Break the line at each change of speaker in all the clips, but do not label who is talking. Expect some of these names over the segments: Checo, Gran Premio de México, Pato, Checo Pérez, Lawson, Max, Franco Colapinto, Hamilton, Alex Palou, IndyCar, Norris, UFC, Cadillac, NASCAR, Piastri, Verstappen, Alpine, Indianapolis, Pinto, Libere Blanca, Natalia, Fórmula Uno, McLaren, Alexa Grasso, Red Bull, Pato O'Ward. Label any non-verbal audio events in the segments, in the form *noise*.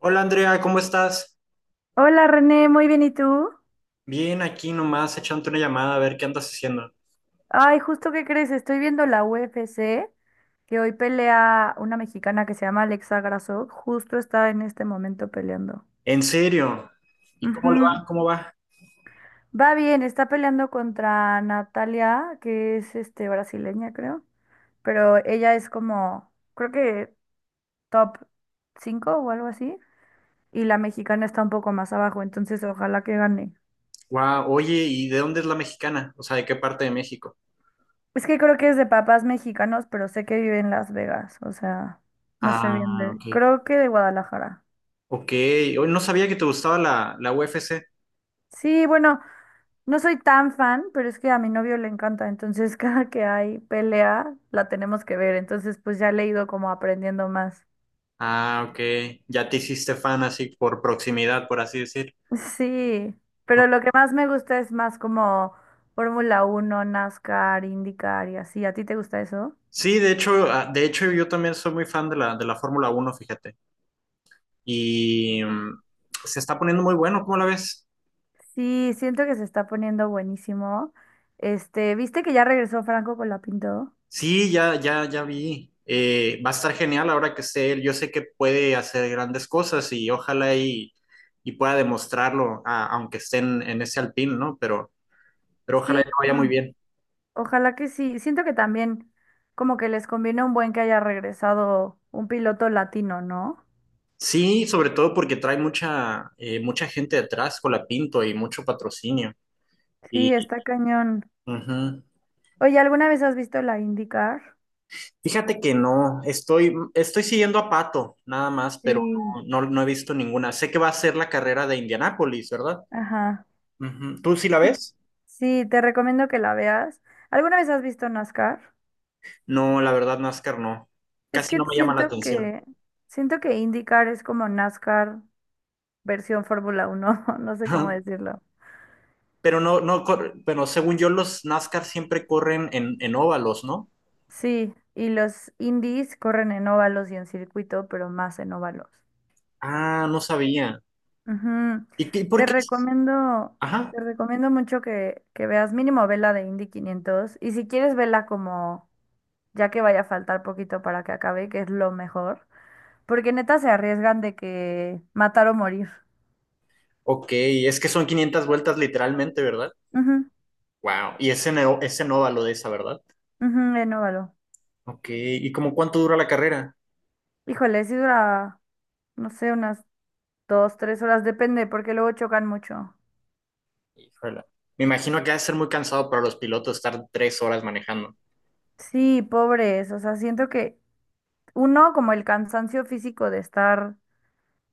Hola Andrea, ¿cómo estás?
Hola René, muy bien, ¿y tú?
Bien, aquí nomás echándote una llamada a ver qué andas haciendo.
Ay, justo que crees, estoy viendo la UFC, que hoy pelea una mexicana que se llama Alexa Grasso, justo está en este momento peleando.
¿En serio? ¿Y cómo le
Ujú.
va? ¿Cómo va?
Va bien, está peleando contra Natalia, que es brasileña, creo, pero ella es como, creo que top 5 o algo así, y la mexicana está un poco más abajo, entonces ojalá que gane.
Guau, oye, ¿y de dónde es la mexicana? O sea, ¿de qué parte de México?
Es que creo que es de papás mexicanos, pero sé que vive en Las Vegas, o sea, no sé bien
Ah,
de...
ok.
Creo que de Guadalajara.
Ok, hoy no sabía que te gustaba la UFC.
Sí, bueno, no soy tan fan, pero es que a mi novio le encanta, entonces *laughs* cada que hay pelea la tenemos que ver, entonces pues ya le he ido como aprendiendo más.
Ah, ok. Ya te hiciste fan así por proximidad, por así decir.
Sí, pero lo que más me gusta es más como Fórmula 1, NASCAR, IndyCar y así. ¿A ti te gusta eso?
Sí, de hecho, de hecho yo también soy muy fan de la Fórmula Uno, fíjate. Y se está poniendo muy bueno, ¿cómo la ves?
Sí, siento que se está poniendo buenísimo. Este, ¿viste que ya regresó Franco Colapinto?
Sí, ya vi. Va a estar genial ahora que esté él. Yo sé que puede hacer grandes cosas y ojalá y pueda demostrarlo, aunque esté en ese Alpine, ¿no? Pero ojalá
Sí,
que vaya muy
no,
bien.
ojalá que sí. Siento que también como que les conviene un buen que haya regresado un piloto latino, ¿no?
Sí, sobre todo porque trae mucha, mucha gente detrás con la Pinto y mucho patrocinio.
Sí,
Y,
está cañón.
ujú.
Oye, ¿alguna vez has visto la IndyCar?
Fíjate que no, estoy, estoy siguiendo a Pato, nada más, pero
Sí.
no, no he visto ninguna. Sé que va a ser la carrera de Indianápolis, ¿verdad?
Ajá.
Ujú. ¿Tú sí la
Sí,
ves?
sí, te recomiendo que la veas. ¿Alguna vez has visto NASCAR?
No, la verdad, NASCAR no.
Es
Casi
que
no me llama la
siento
atención.
que siento que IndyCar es como NASCAR versión Fórmula 1, *laughs* no sé cómo
*laughs*
decirlo.
Pero no, no, pero según yo, los NASCAR siempre corren en óvalos, ¿no?
Sí, y los Indies corren en óvalos y en circuito, pero más en óvalos.
Ah, no sabía.
Ujú.
¿Y qué, por
Te
qué?
recomiendo,
Ajá.
te recomiendo mucho que veas mínimo vela de Indy 500 y si quieres vela como ya que vaya a faltar poquito para que acabe, que es lo mejor, porque neta se arriesgan de que matar o morir.
Ok, es que son 500 vueltas literalmente, ¿verdad?
Ujú,
Wow. Y es en, es en óvalo de esa, ¿verdad?
ujú, en óvalo.
Ok, ¿y como cuánto dura la carrera?
Híjole, si dura, no sé, unas dos, tres horas, depende, porque luego chocan mucho.
Híjole. Me imagino que ha de ser muy cansado para los pilotos estar tres horas manejando.
Sí, pobres, o sea, siento que uno, como el cansancio físico de estar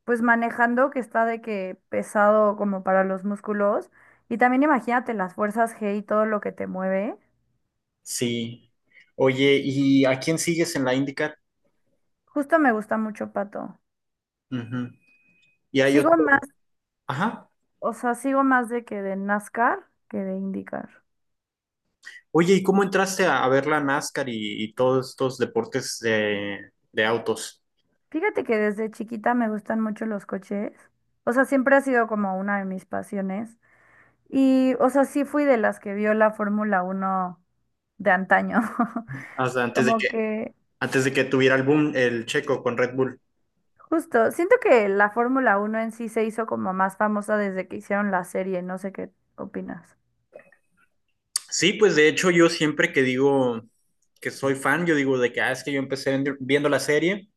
pues manejando que está de que pesado como para los músculos. Y también imagínate las fuerzas G y todo lo que te mueve.
Sí. Oye, ¿y a quién sigues en la IndyCar?
Justo me gusta mucho Pato.
Ujú. Y hay
Sigo más,
otro. Ajá.
o sea, sigo más de NASCAR que de IndyCar.
Oye, ¿y cómo entraste a ver la NASCAR y todos estos deportes de autos?
Fíjate que desde chiquita me gustan mucho los coches. O sea, siempre ha sido como una de mis pasiones. Y, o sea, sí fui de las que vio la Fórmula 1 de antaño.
Hasta
*laughs* Como que
antes de que tuviera el boom el Checo con Red Bull.
Justo, siento que la Fórmula 1 en sí se hizo como más famosa desde que hicieron la serie, no sé qué opinas.
Sí, pues de hecho yo siempre que digo que soy fan, yo digo de que es que yo viendo la serie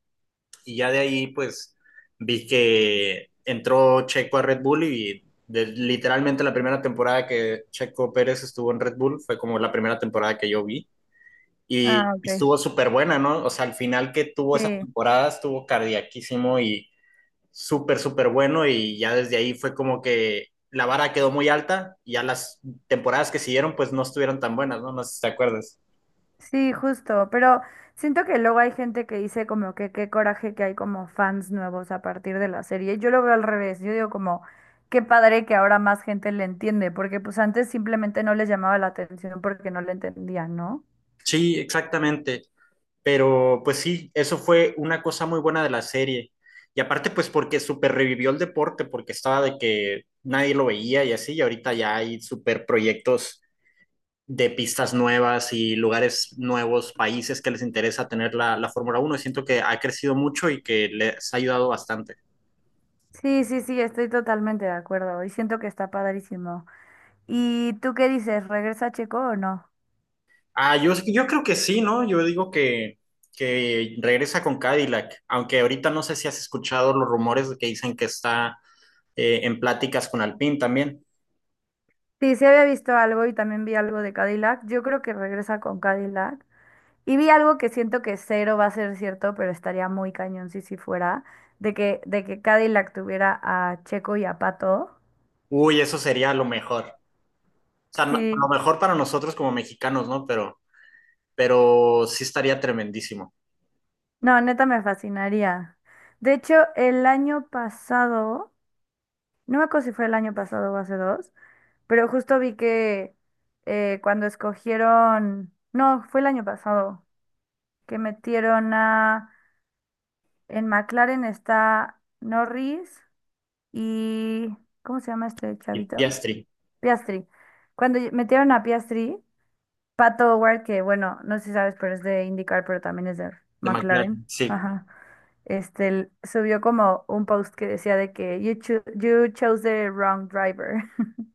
y ya de ahí pues vi que entró Checo a Red Bull literalmente la primera temporada que Checo Pérez estuvo en Red Bull fue como la primera temporada que yo vi.
Ah,
Y
ok.
estuvo súper buena, ¿no? O sea, al final que tuvo esa
Sí,
temporada estuvo cardiaquísimo y súper, súper bueno y ya desde ahí fue como que la vara quedó muy alta y ya las temporadas que siguieron pues no estuvieron tan buenas, ¿no? No sé si te acuerdas.
sí, justo, pero siento que luego hay gente que dice como que qué coraje que hay como fans nuevos a partir de la serie. Yo lo veo al revés, yo digo como qué padre que ahora más gente le entiende, porque pues antes simplemente no les llamaba la atención porque no le entendían, ¿no?
Sí, exactamente. Pero pues sí, eso fue una cosa muy buena de la serie. Y aparte pues porque súper revivió el deporte, porque estaba de que nadie lo veía y así, y ahorita ya hay súper proyectos de pistas nuevas y lugares nuevos, países que les interesa tener la Fórmula Uno. Siento que ha crecido mucho y que les ha ayudado bastante.
Sí, sí, sí, estoy totalmente de acuerdo y siento que está padrísimo. ¿Y tú qué dices? ¿Regresa Checo o no?
Ah, yo creo que sí, ¿no? Yo digo que regresa con Cadillac, aunque ahorita no sé si has escuchado los rumores que dicen que está en pláticas con Alpine también.
Sí, sí había visto algo y también vi algo de Cadillac. Yo creo que regresa con Cadillac. Y vi algo que siento que cero va a ser cierto, pero estaría muy cañón si sí fuera, de que Cadillac tuviera a Checo y a Pato.
Uy, eso sería lo mejor. O sea, lo
Sí,
mejor para nosotros como mexicanos, ¿no? Pero sí estaría tremendísimo.
no, neta me fascinaría. De hecho, el año pasado, no me acuerdo si fue el año pasado o hace dos, pero justo vi que cuando escogieron, no, fue el año pasado, que metieron a... En McLaren está Norris y... ¿Cómo se llama este
Y
chavito?
Piastri,
Piastri. Cuando metieron a Piastri, Pato O'Ward, que bueno, no sé si sabes, pero es de IndyCar, pero también es de
de
McLaren.
McLaren, sí.
Ajá. Subió como un post que decía de que you chose the wrong driver.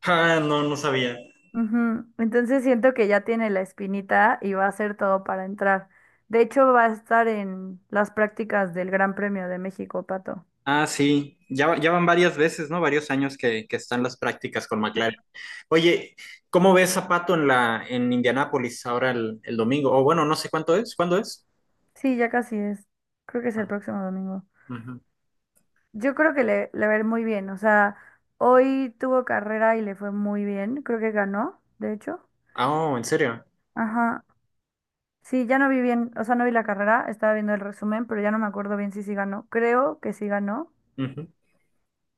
Ah, no, no sabía.
*laughs* Ujú. Entonces siento que ya tiene la espinita y va a hacer todo para entrar. De hecho, va a estar en las prácticas del Gran Premio de México, Pato.
Ah, sí, ya, ya van varias veces, ¿no? Varios años que están las prácticas con McLaren. Oye, ¿cómo ves a Pato en la, en Indianápolis ahora el domingo? O bueno, no sé cuánto es, ¿cuándo es?
Sí, ya casi es. Creo que es el próximo domingo.
Ujú.
Yo creo que le va a ir muy bien. O sea, hoy tuvo carrera y le fue muy bien. Creo que ganó, de hecho.
Ah, oh, ¿en serio?
Ajá. Sí, ya no vi bien, o sea, no vi la carrera, estaba viendo el resumen, pero ya no me acuerdo bien si sí ganó. Creo que sí ganó,
Ujú.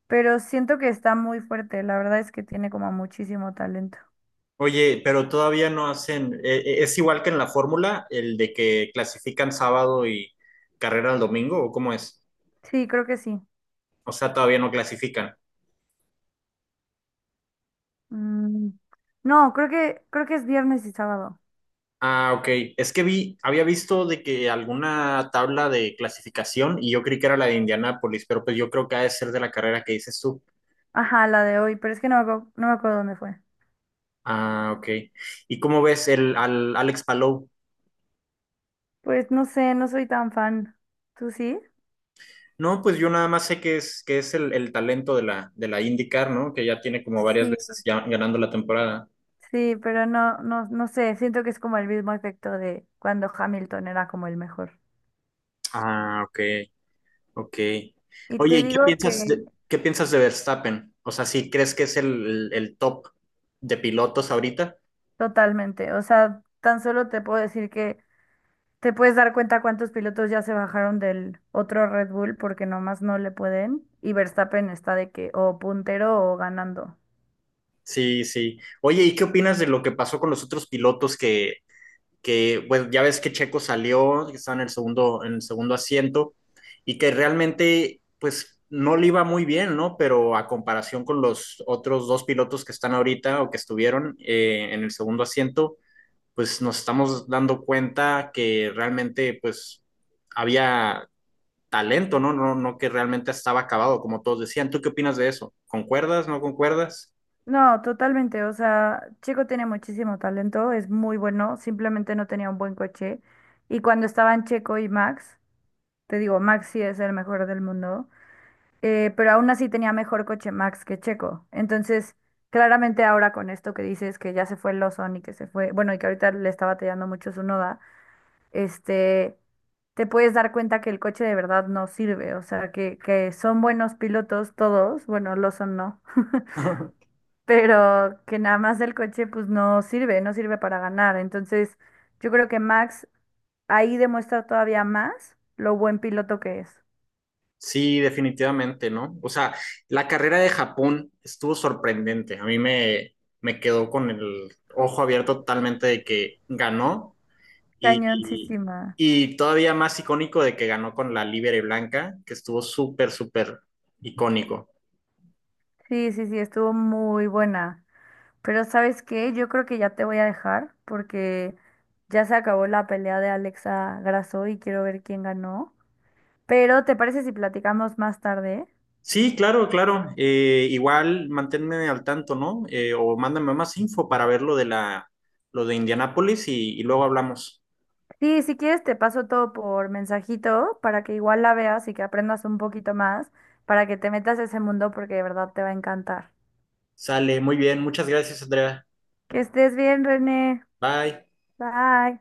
pero siento que está muy fuerte. La verdad es que tiene como muchísimo talento.
Oye, pero todavía no hacen, ¿es igual que en la fórmula, el de que clasifican sábado y carrera el domingo, o cómo es?
Sí, creo que sí.
O sea, todavía no clasifican.
Mm, No, creo que, es viernes y sábado.
Ah, ok. Es que vi, había visto de que alguna tabla de clasificación y yo creí que era la de Indianápolis, pero pues yo creo que ha de ser de la carrera que dices tú.
Ajá, la de hoy, pero es que no me acuerdo dónde fue.
Ah, ok. ¿Y cómo ves el, al Alex Palou?
Pues no sé, no soy tan fan. ¿Tú sí?
No, pues yo nada más sé que es el talento de la IndyCar, ¿no? Que ya tiene como varias
Sí,
veces ya ganando la temporada.
sí, pero no, no, no sé, siento que es como el mismo efecto de cuando Hamilton era como el mejor.
Ah, ok, ok.
Y
Oye,
te
¿y
digo que
qué piensas de Verstappen? O sea, ¿sí crees que es el, el top de pilotos ahorita?
totalmente, o sea, tan solo te puedo decir que te puedes dar cuenta cuántos pilotos ya se bajaron del otro Red Bull porque nomás no le pueden y Verstappen está de que o puntero o ganando.
Sí, sí. Oye, ¿y qué opinas de lo que pasó con los otros pilotos que bueno, ya ves que Checo salió, que estaba en el segundo asiento, y que realmente, pues, no le iba muy bien, ¿no? Pero a comparación con los otros dos pilotos que están ahorita o que estuvieron en el segundo asiento, pues nos estamos dando cuenta que realmente, pues, había talento, ¿no? No, no que realmente estaba acabado, como todos decían. ¿Tú qué opinas de eso? ¿Concuerdas? ¿No concuerdas?
No, totalmente. O sea, Chico tiene muchísimo talento, es muy bueno, simplemente no tenía un buen coche. Y cuando estaban Checo y Max, te digo, Max sí es el mejor del mundo, pero aún así tenía mejor coche Max que Checo. Entonces, claramente ahora con esto que dices que ya se fue Lawson y que se fue, bueno, y que ahorita le está batallando mucho su noda, este, te puedes dar cuenta que el coche de verdad no sirve. O sea, que son buenos pilotos todos, bueno, Lawson no,
*laughs*
pero que nada más el coche pues no sirve, no sirve para ganar. Entonces, yo creo que Max ahí demuestra todavía más lo buen piloto que es.
Sí, definitivamente, ¿no? O sea, la carrera de Japón estuvo sorprendente. A mí me, me quedó con el ojo abierto totalmente de que ganó y,
Cañoncísima.
y todavía más icónico de que ganó con la Libere Blanca, que estuvo súper, súper icónico.
Sí, sí, sí, estuvo muy buena. Pero ¿sabes qué? Yo creo que ya te voy a dejar porque ya se acabó la pelea de Alexa Grasso y quiero ver quién ganó. Pero ¿te parece si platicamos más tarde?
Sí, claro, claro. Igual manténme al tanto, ¿no? O mándame más info para ver lo de la, lo de Indianápolis y luego hablamos.
Sí, si quieres te paso todo por mensajito para que igual la veas y que aprendas un poquito más, para que te metas a ese mundo porque de verdad te va a encantar.
Sale, muy bien. Muchas gracias, Andrea.
Que estés bien, René.
Bye.
Bye.